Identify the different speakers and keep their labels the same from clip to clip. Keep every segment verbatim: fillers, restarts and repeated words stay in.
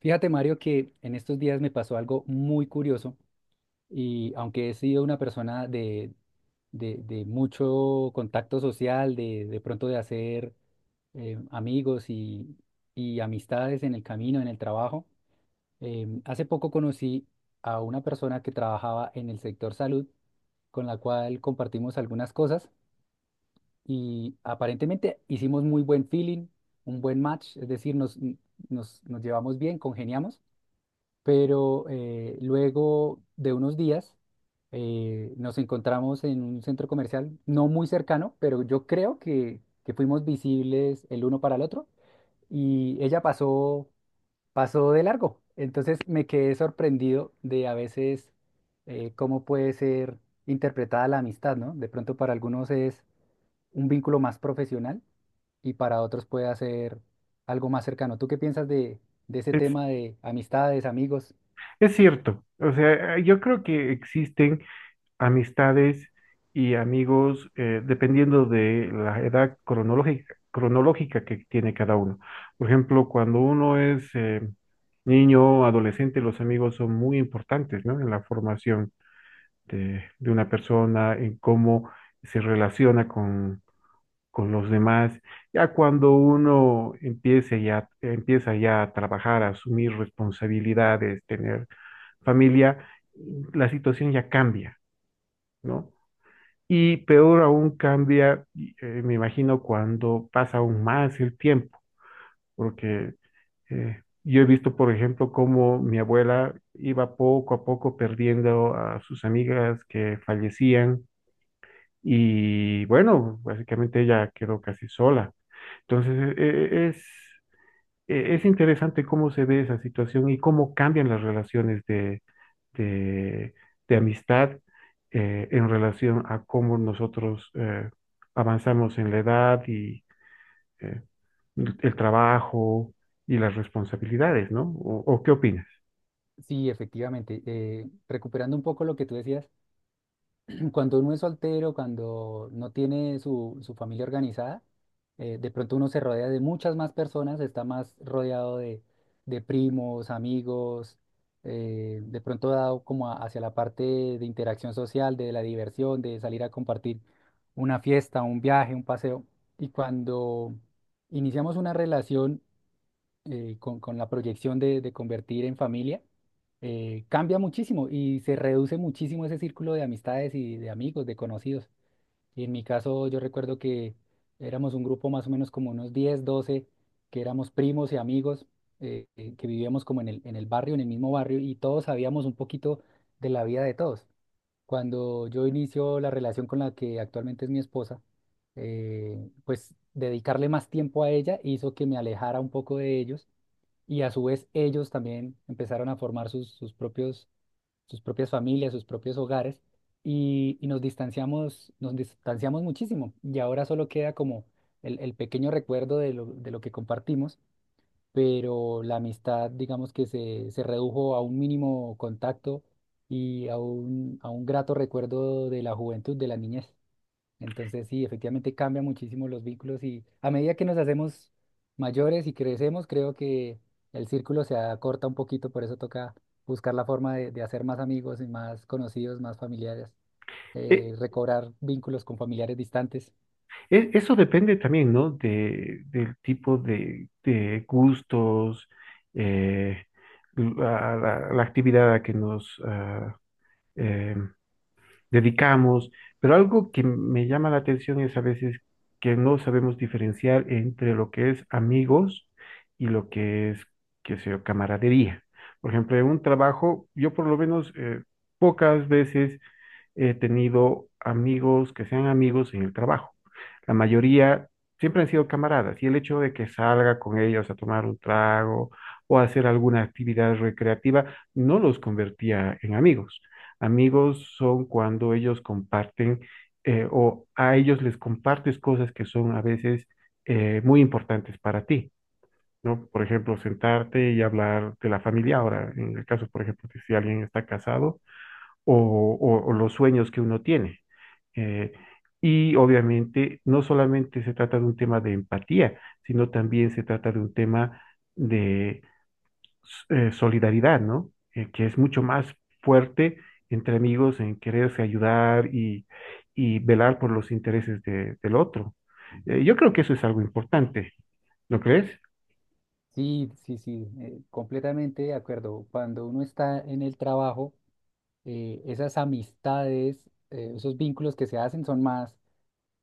Speaker 1: Fíjate, Mario, que en estos días me pasó algo muy curioso y aunque he sido una persona de, de, de mucho contacto social, de, de pronto de hacer eh, amigos y, y amistades en el camino, en el trabajo, em, hace poco conocí a una persona que trabajaba en el sector salud, con la cual compartimos algunas cosas y aparentemente hicimos muy buen feeling, un buen match, es decir, nos, nos, nos llevamos bien, congeniamos, pero eh, luego de unos días eh, nos encontramos en un centro comercial, no muy cercano, pero yo creo que, que fuimos visibles el uno para el otro y ella pasó, pasó de largo. Entonces me quedé sorprendido de a veces eh, cómo puede ser interpretada la amistad, ¿no? De pronto para algunos es un vínculo más profesional y para otros puede ser algo más cercano. ¿Tú qué piensas de, de ese
Speaker 2: Es,
Speaker 1: tema de amistades, amigos?
Speaker 2: es cierto, o sea, eh, yo creo que existen amistades y amigos eh, dependiendo de la edad cronológica, cronológica que tiene cada uno. Por ejemplo, cuando uno es eh, niño, adolescente, los amigos son muy importantes, ¿no? En la formación de, de una persona, en cómo se relaciona con, con los demás. Ya cuando uno empiece ya, empieza ya a trabajar, a asumir responsabilidades, tener familia, la situación ya cambia, ¿no? Y peor aún cambia, eh, me imagino, cuando pasa aún más el tiempo, porque eh, yo he visto, por ejemplo, cómo mi abuela iba poco a poco perdiendo a sus amigas que fallecían y bueno, básicamente ella quedó casi sola. Entonces, eh, es, eh, es interesante cómo se ve esa situación y cómo cambian las relaciones de, de, de amistad eh, en relación a cómo nosotros eh, avanzamos en la edad y eh, el, el trabajo y las responsabilidades, ¿no? ¿O, o qué opinas?
Speaker 1: Sí, efectivamente. Eh, recuperando un poco lo que tú decías, cuando uno es soltero, cuando no tiene su, su familia organizada, eh, de pronto uno se rodea de muchas más personas, está más rodeado de, de primos, amigos, eh, de pronto dado como a- hacia la parte de interacción social, de la diversión, de salir a compartir una fiesta, un viaje, un paseo. Y cuando iniciamos una relación, eh, con, con la proyección de, de convertir en familia, eh, cambia muchísimo y se reduce muchísimo ese círculo de amistades y de amigos, de conocidos. Y en mi caso yo recuerdo que éramos un grupo más o menos como unos diez doce que éramos primos y amigos, eh, eh, que vivíamos como en el, en el barrio, en el mismo barrio, y todos sabíamos un poquito de la vida de todos. Cuando yo inicio la relación con la que actualmente es mi esposa, eh, pues dedicarle más tiempo a ella hizo que me alejara un poco de ellos, y a su vez ellos también empezaron a formar sus, sus propios, sus propias familias, sus propios hogares, y, y nos distanciamos, nos distanciamos muchísimo, y ahora solo queda como el, el pequeño recuerdo de lo, de lo que compartimos, pero la amistad digamos que se, se redujo a un mínimo contacto y a un, a un grato recuerdo de la juventud, de la niñez. Entonces, sí, efectivamente cambian muchísimo los vínculos, y a medida que nos hacemos mayores y crecemos, creo que el círculo se acorta un poquito, por eso toca buscar la forma de, de hacer más amigos y más conocidos, más familiares,
Speaker 2: E-
Speaker 1: eh, recobrar vínculos con familiares distantes.
Speaker 2: e- Eso depende también, ¿no? De, del tipo de, de gustos, eh, la, la- la actividad a que nos ah, em, dedicamos, pero algo que me llama la atención es a veces que no sabemos diferenciar entre lo que es amigos y lo que es, qué sé yo, camaradería. Por ejemplo, en un trabajo, yo por lo menos eh, pocas veces he tenido amigos que sean amigos en el trabajo. La mayoría siempre han sido camaradas y el hecho de que salga con ellos a tomar un trago o a hacer alguna actividad recreativa no los convertía en amigos. Amigos son cuando ellos comparten eh, o a ellos les compartes cosas que son a veces eh, muy importantes para ti. ¿No? Por ejemplo, sentarte y hablar de la familia. Ahora, en el caso, por ejemplo, que si alguien está casado, o, o- o los sueños que uno tiene. Eh, y obviamente no solamente se trata de un tema de empatía, sino también se trata de un tema de eh, solidaridad, ¿no? Eh, que es mucho más fuerte entre amigos en quererse ayudar y, y velar por los intereses de- del otro. Eh, yo creo que eso es algo importante, ¿no crees?
Speaker 1: Sí, sí, sí, eh, completamente de acuerdo. Cuando uno está en el trabajo, eh, esas amistades, eh, esos vínculos que se hacen son más.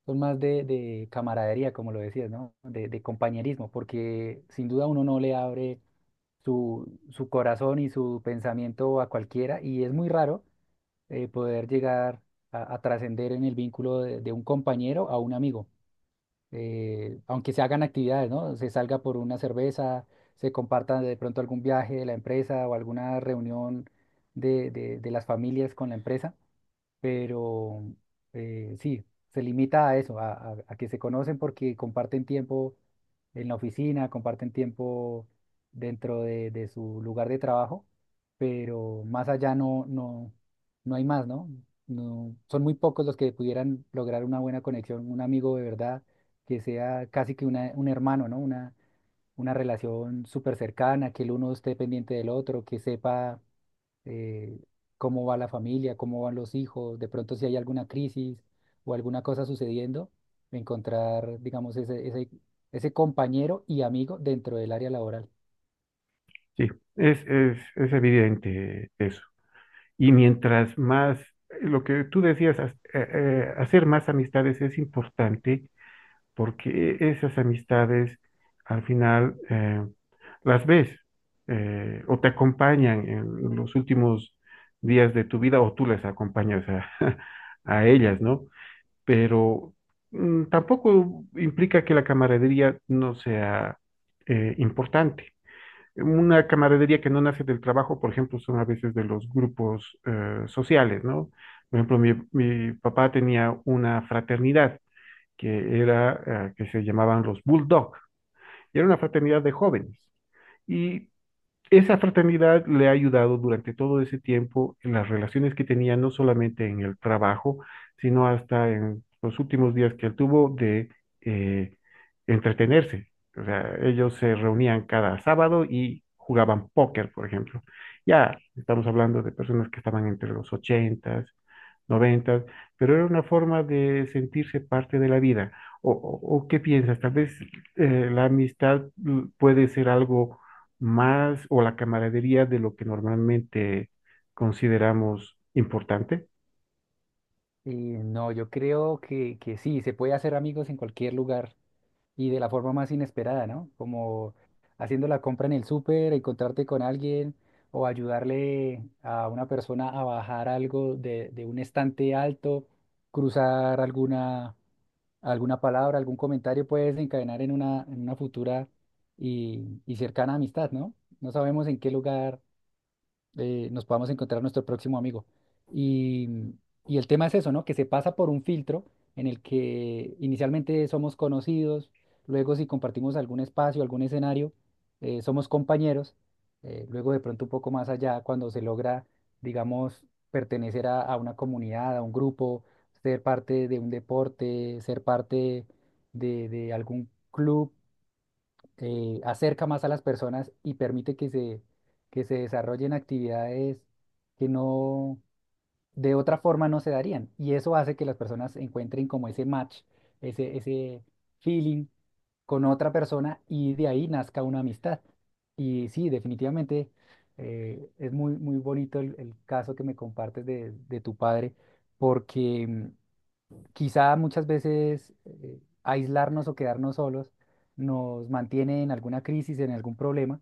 Speaker 1: Son más de, de camaradería, como lo decías, ¿no? De, de compañerismo, porque sin duda uno no le abre su, su corazón y su pensamiento a cualquiera, y es muy raro eh, poder llegar a, a trascender en el vínculo de, de un compañero a un amigo. Eh, aunque se hagan actividades, ¿no? Se salga por una cerveza, se comparta de pronto algún viaje de la empresa o alguna reunión de, de de las familias con la empresa, pero eh, sí, se limita a eso, a, a- a que se conocen porque comparten tiempo en la oficina, comparten tiempo dentro de, de su lugar de trabajo, pero más allá no, no, no hay más, ¿no? No, son muy pocos los que pudieran lograr una buena conexión, un amigo de verdad, que sea casi que una- un hermano, ¿no? Una, una relación súper cercana, que el uno esté pendiente del otro, que sepa eh, cómo va la familia, cómo van los hijos, de pronto si hay alguna crisis o alguna cosa sucediendo, encontrar, digamos, ese, ese, ese compañero y amigo dentro del área laboral.
Speaker 2: Sí, es, es, es evidente eso. Y mientras más, eh, lo que tú decías, ha- eh, eh, hacer más amistades es importante porque e, esas amistades al final eh, las ves eh, o te acompañan en los últimos días de tu vida o tú las acompañas a, a ellas, ¿no? Pero mm, tampoco implica que la camaradería no sea eh, importante. Una camaradería que no nace del trabajo, por ejemplo, son a veces de los grupos eh, sociales, ¿no? Por ejemplo, mi, mi papá tenía una fraternidad que era, eh, que se llamaban los Bulldog, y era una fraternidad de jóvenes. Y esa fraternidad le ha ayudado durante todo ese tiempo en las relaciones que tenía, no solamente en el trabajo, sino hasta en los últimos días que él tuvo de eh, entretenerse. O sea, ellos se reunían cada sábado y jugaban póker, por ejemplo. Ya estamos hablando de personas que estaban entre los ochentas, noventas, pero era una forma de sentirse parte de la vida. ¿O, o- o qué piensas? Tal vez eh, la amistad mm, puede ser algo más o la camaradería de lo que normalmente consideramos importante.
Speaker 1: Y no, yo creo que, que sí, se puede hacer amigos en cualquier lugar y de la forma más inesperada, ¿no? Como haciendo la compra en el súper, encontrarte con alguien o ayudarle a una persona a bajar algo de, de un estante alto, cruzar alguna alguna palabra, algún comentario puede desencadenar en una, en una futura y, y cercana amistad, ¿no? No sabemos en qué lugar eh, nos podamos encontrar nuestro próximo amigo. Y, mm, y el tema es eso, ¿no? Que se pasa por un filtro en el que inicialmente somos conocidos, luego si compartimos algún espacio, algún escenario, eh, somos compañeros, eh, luego de pronto un poco más allá, cuando se logra, digamos, pertenecer a, a una comunidad, a un grupo, ser parte de un deporte, ser parte de, de algún club, eh, acerca más a las personas y permite que se, que se desarrollen actividades que no, de otra forma no se darían. Y eso hace que las personas encuentren como ese match, ese, ese feeling con otra persona, y de ahí nazca una amistad. Y sí, definitivamente eh, es muy, muy bonito el, el caso que me compartes de, de tu padre, porque quizá muchas veces eh, aislarnos o quedarnos solos nos mantiene en alguna crisis, en algún problema,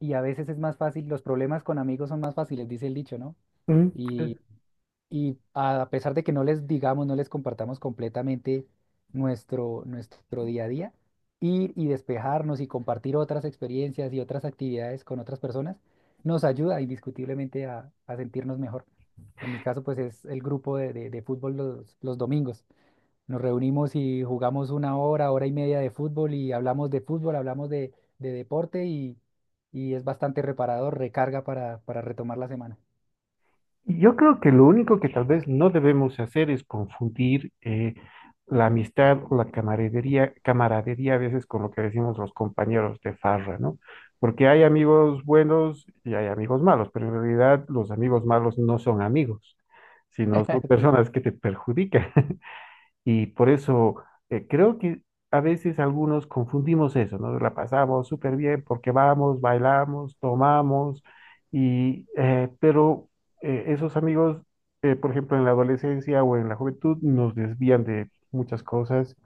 Speaker 1: y a veces es más fácil, los problemas con amigos son más fáciles, dice el dicho, ¿no?
Speaker 2: Mm. Eh,
Speaker 1: Y, y a pesar de que no les digamos, no les compartamos completamente nuestro, nuestro día a día, ir y despejarnos y compartir otras experiencias y otras actividades con otras personas nos ayuda indiscutiblemente a, a sentirnos mejor. En mi caso, pues es el grupo de, de- de fútbol los, los domingos. Nos reunimos y jugamos una hora, hora y media de fútbol, y hablamos de fútbol, hablamos de, de deporte, y, y es bastante reparador, recarga para, para retomar la semana.
Speaker 2: Yo creo que lo único que tal vez no debemos hacer es confundir eh, la amistad o la camaradería, camaradería a veces con lo que decimos los compañeros de farra, ¿no? Porque hay amigos buenos y hay amigos malos, pero en realidad los amigos
Speaker 1: Sí.
Speaker 2: malos no son amigos, sino son
Speaker 1: Sí,
Speaker 2: personas que te perjudican. Y por eso eh, creo que a veces algunos confundimos eso, ¿no? La pasamos súper bien porque vamos, bailamos, tomamos, y, eh, pero eh, esos amigos, eh, por ejemplo, en la adolescencia o en la juventud, nos desvían de muchas cosas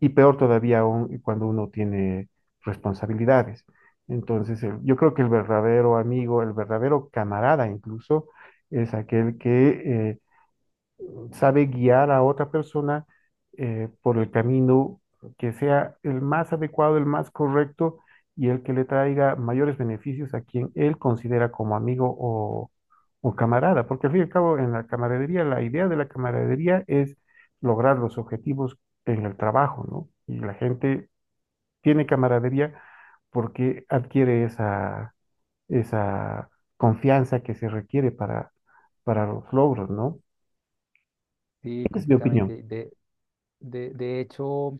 Speaker 2: y peor todavía aún cuando uno tiene responsabilidades. Entonces, eh, yo creo que el verdadero amigo, el verdadero camarada incluso, es aquel que... eh, sabe guiar a otra persona eh, por el camino que sea el más adecuado, el más correcto y el que le traiga mayores beneficios a quien él considera como amigo o, o camarada. Porque al fin y al cabo, en la camaradería, la idea de la camaradería es lograr los objetivos en el trabajo, ¿no? Y la gente tiene camaradería porque adquiere esa, esa confianza que se requiere para, para los logros, ¿no?
Speaker 1: sí,
Speaker 2: Esa es mi opinión.
Speaker 1: completamente. De, de, de hecho,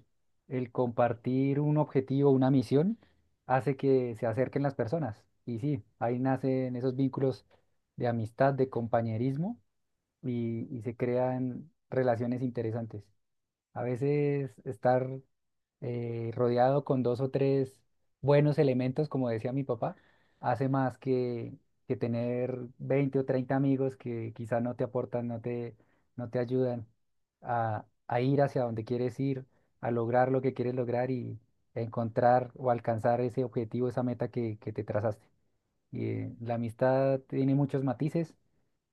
Speaker 1: el compartir un objetivo, una misión, hace que se acerquen las personas. Y sí, ahí nacen esos vínculos de amistad, de compañerismo, y, y se crean relaciones interesantes. A veces estar eh, rodeado con dos o tres buenos elementos, como decía mi papá, hace más que, que tener veinte o treinta amigos que quizá no te aportan, no te, no te ayudan a, a ir hacia donde quieres ir, a lograr lo que quieres lograr y encontrar o alcanzar ese objetivo, esa meta que, que te trazaste. Y eh, la amistad tiene muchos matices,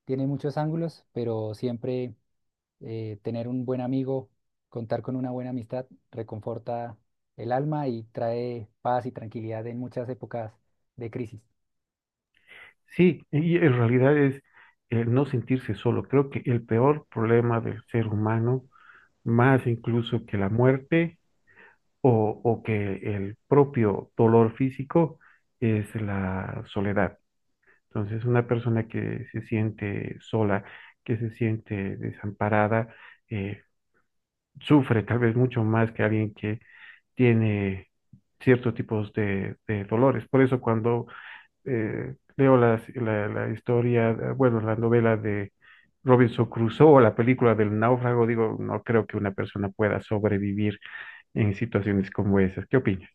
Speaker 1: tiene muchos ángulos, pero siempre eh, tener un buen amigo, contar con una buena amistad, reconforta el alma y trae paz y tranquilidad en muchas épocas de crisis.
Speaker 2: Sí, y en realidad es el no sentirse solo. Creo que el peor problema del ser humano, más incluso que la muerte o, o que el propio dolor físico, es la soledad. Entonces, una persona que se siente sola, que se siente desamparada, eh, sufre tal vez mucho más que alguien que tiene ciertos tipos de, de dolores. Por eso cuando eh, leo las- la, la historia, eh, bueno, la novela de Robinson Crusoe o la película del náufrago, digo, no creo que una persona pueda sobrevivir en situaciones como esas. ¿Qué opinas?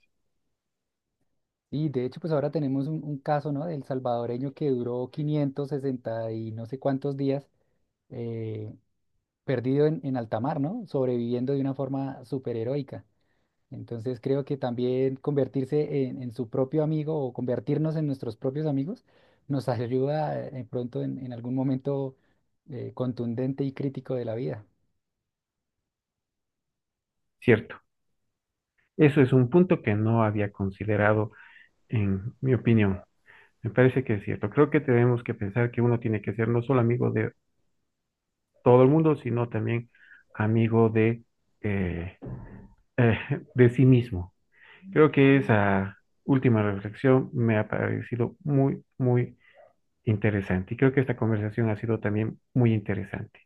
Speaker 1: Y de hecho, pues ahora tenemos un, un caso, ¿no? Del salvadoreño que duró quinientos sesenta y no sé cuántos días eh, perdido en, en alta mar, ¿no? Sobreviviendo de una forma superheroica. Entonces creo que también convertirse en, en su propio amigo o convertirnos en nuestros propios amigos nos ayuda eh, pronto en, en algún momento eh, contundente y crítico de la vida.
Speaker 2: Cierto. Eso es un punto que no había considerado en mi opinión. Me parece que es cierto. Creo que tenemos que pensar que uno tiene que ser no solo amigo de todo el mundo, sino también amigo de, eh, eh, de sí mismo. Creo que esa última reflexión me ha parecido muy, muy interesante y creo que esta conversación ha sido también muy interesante.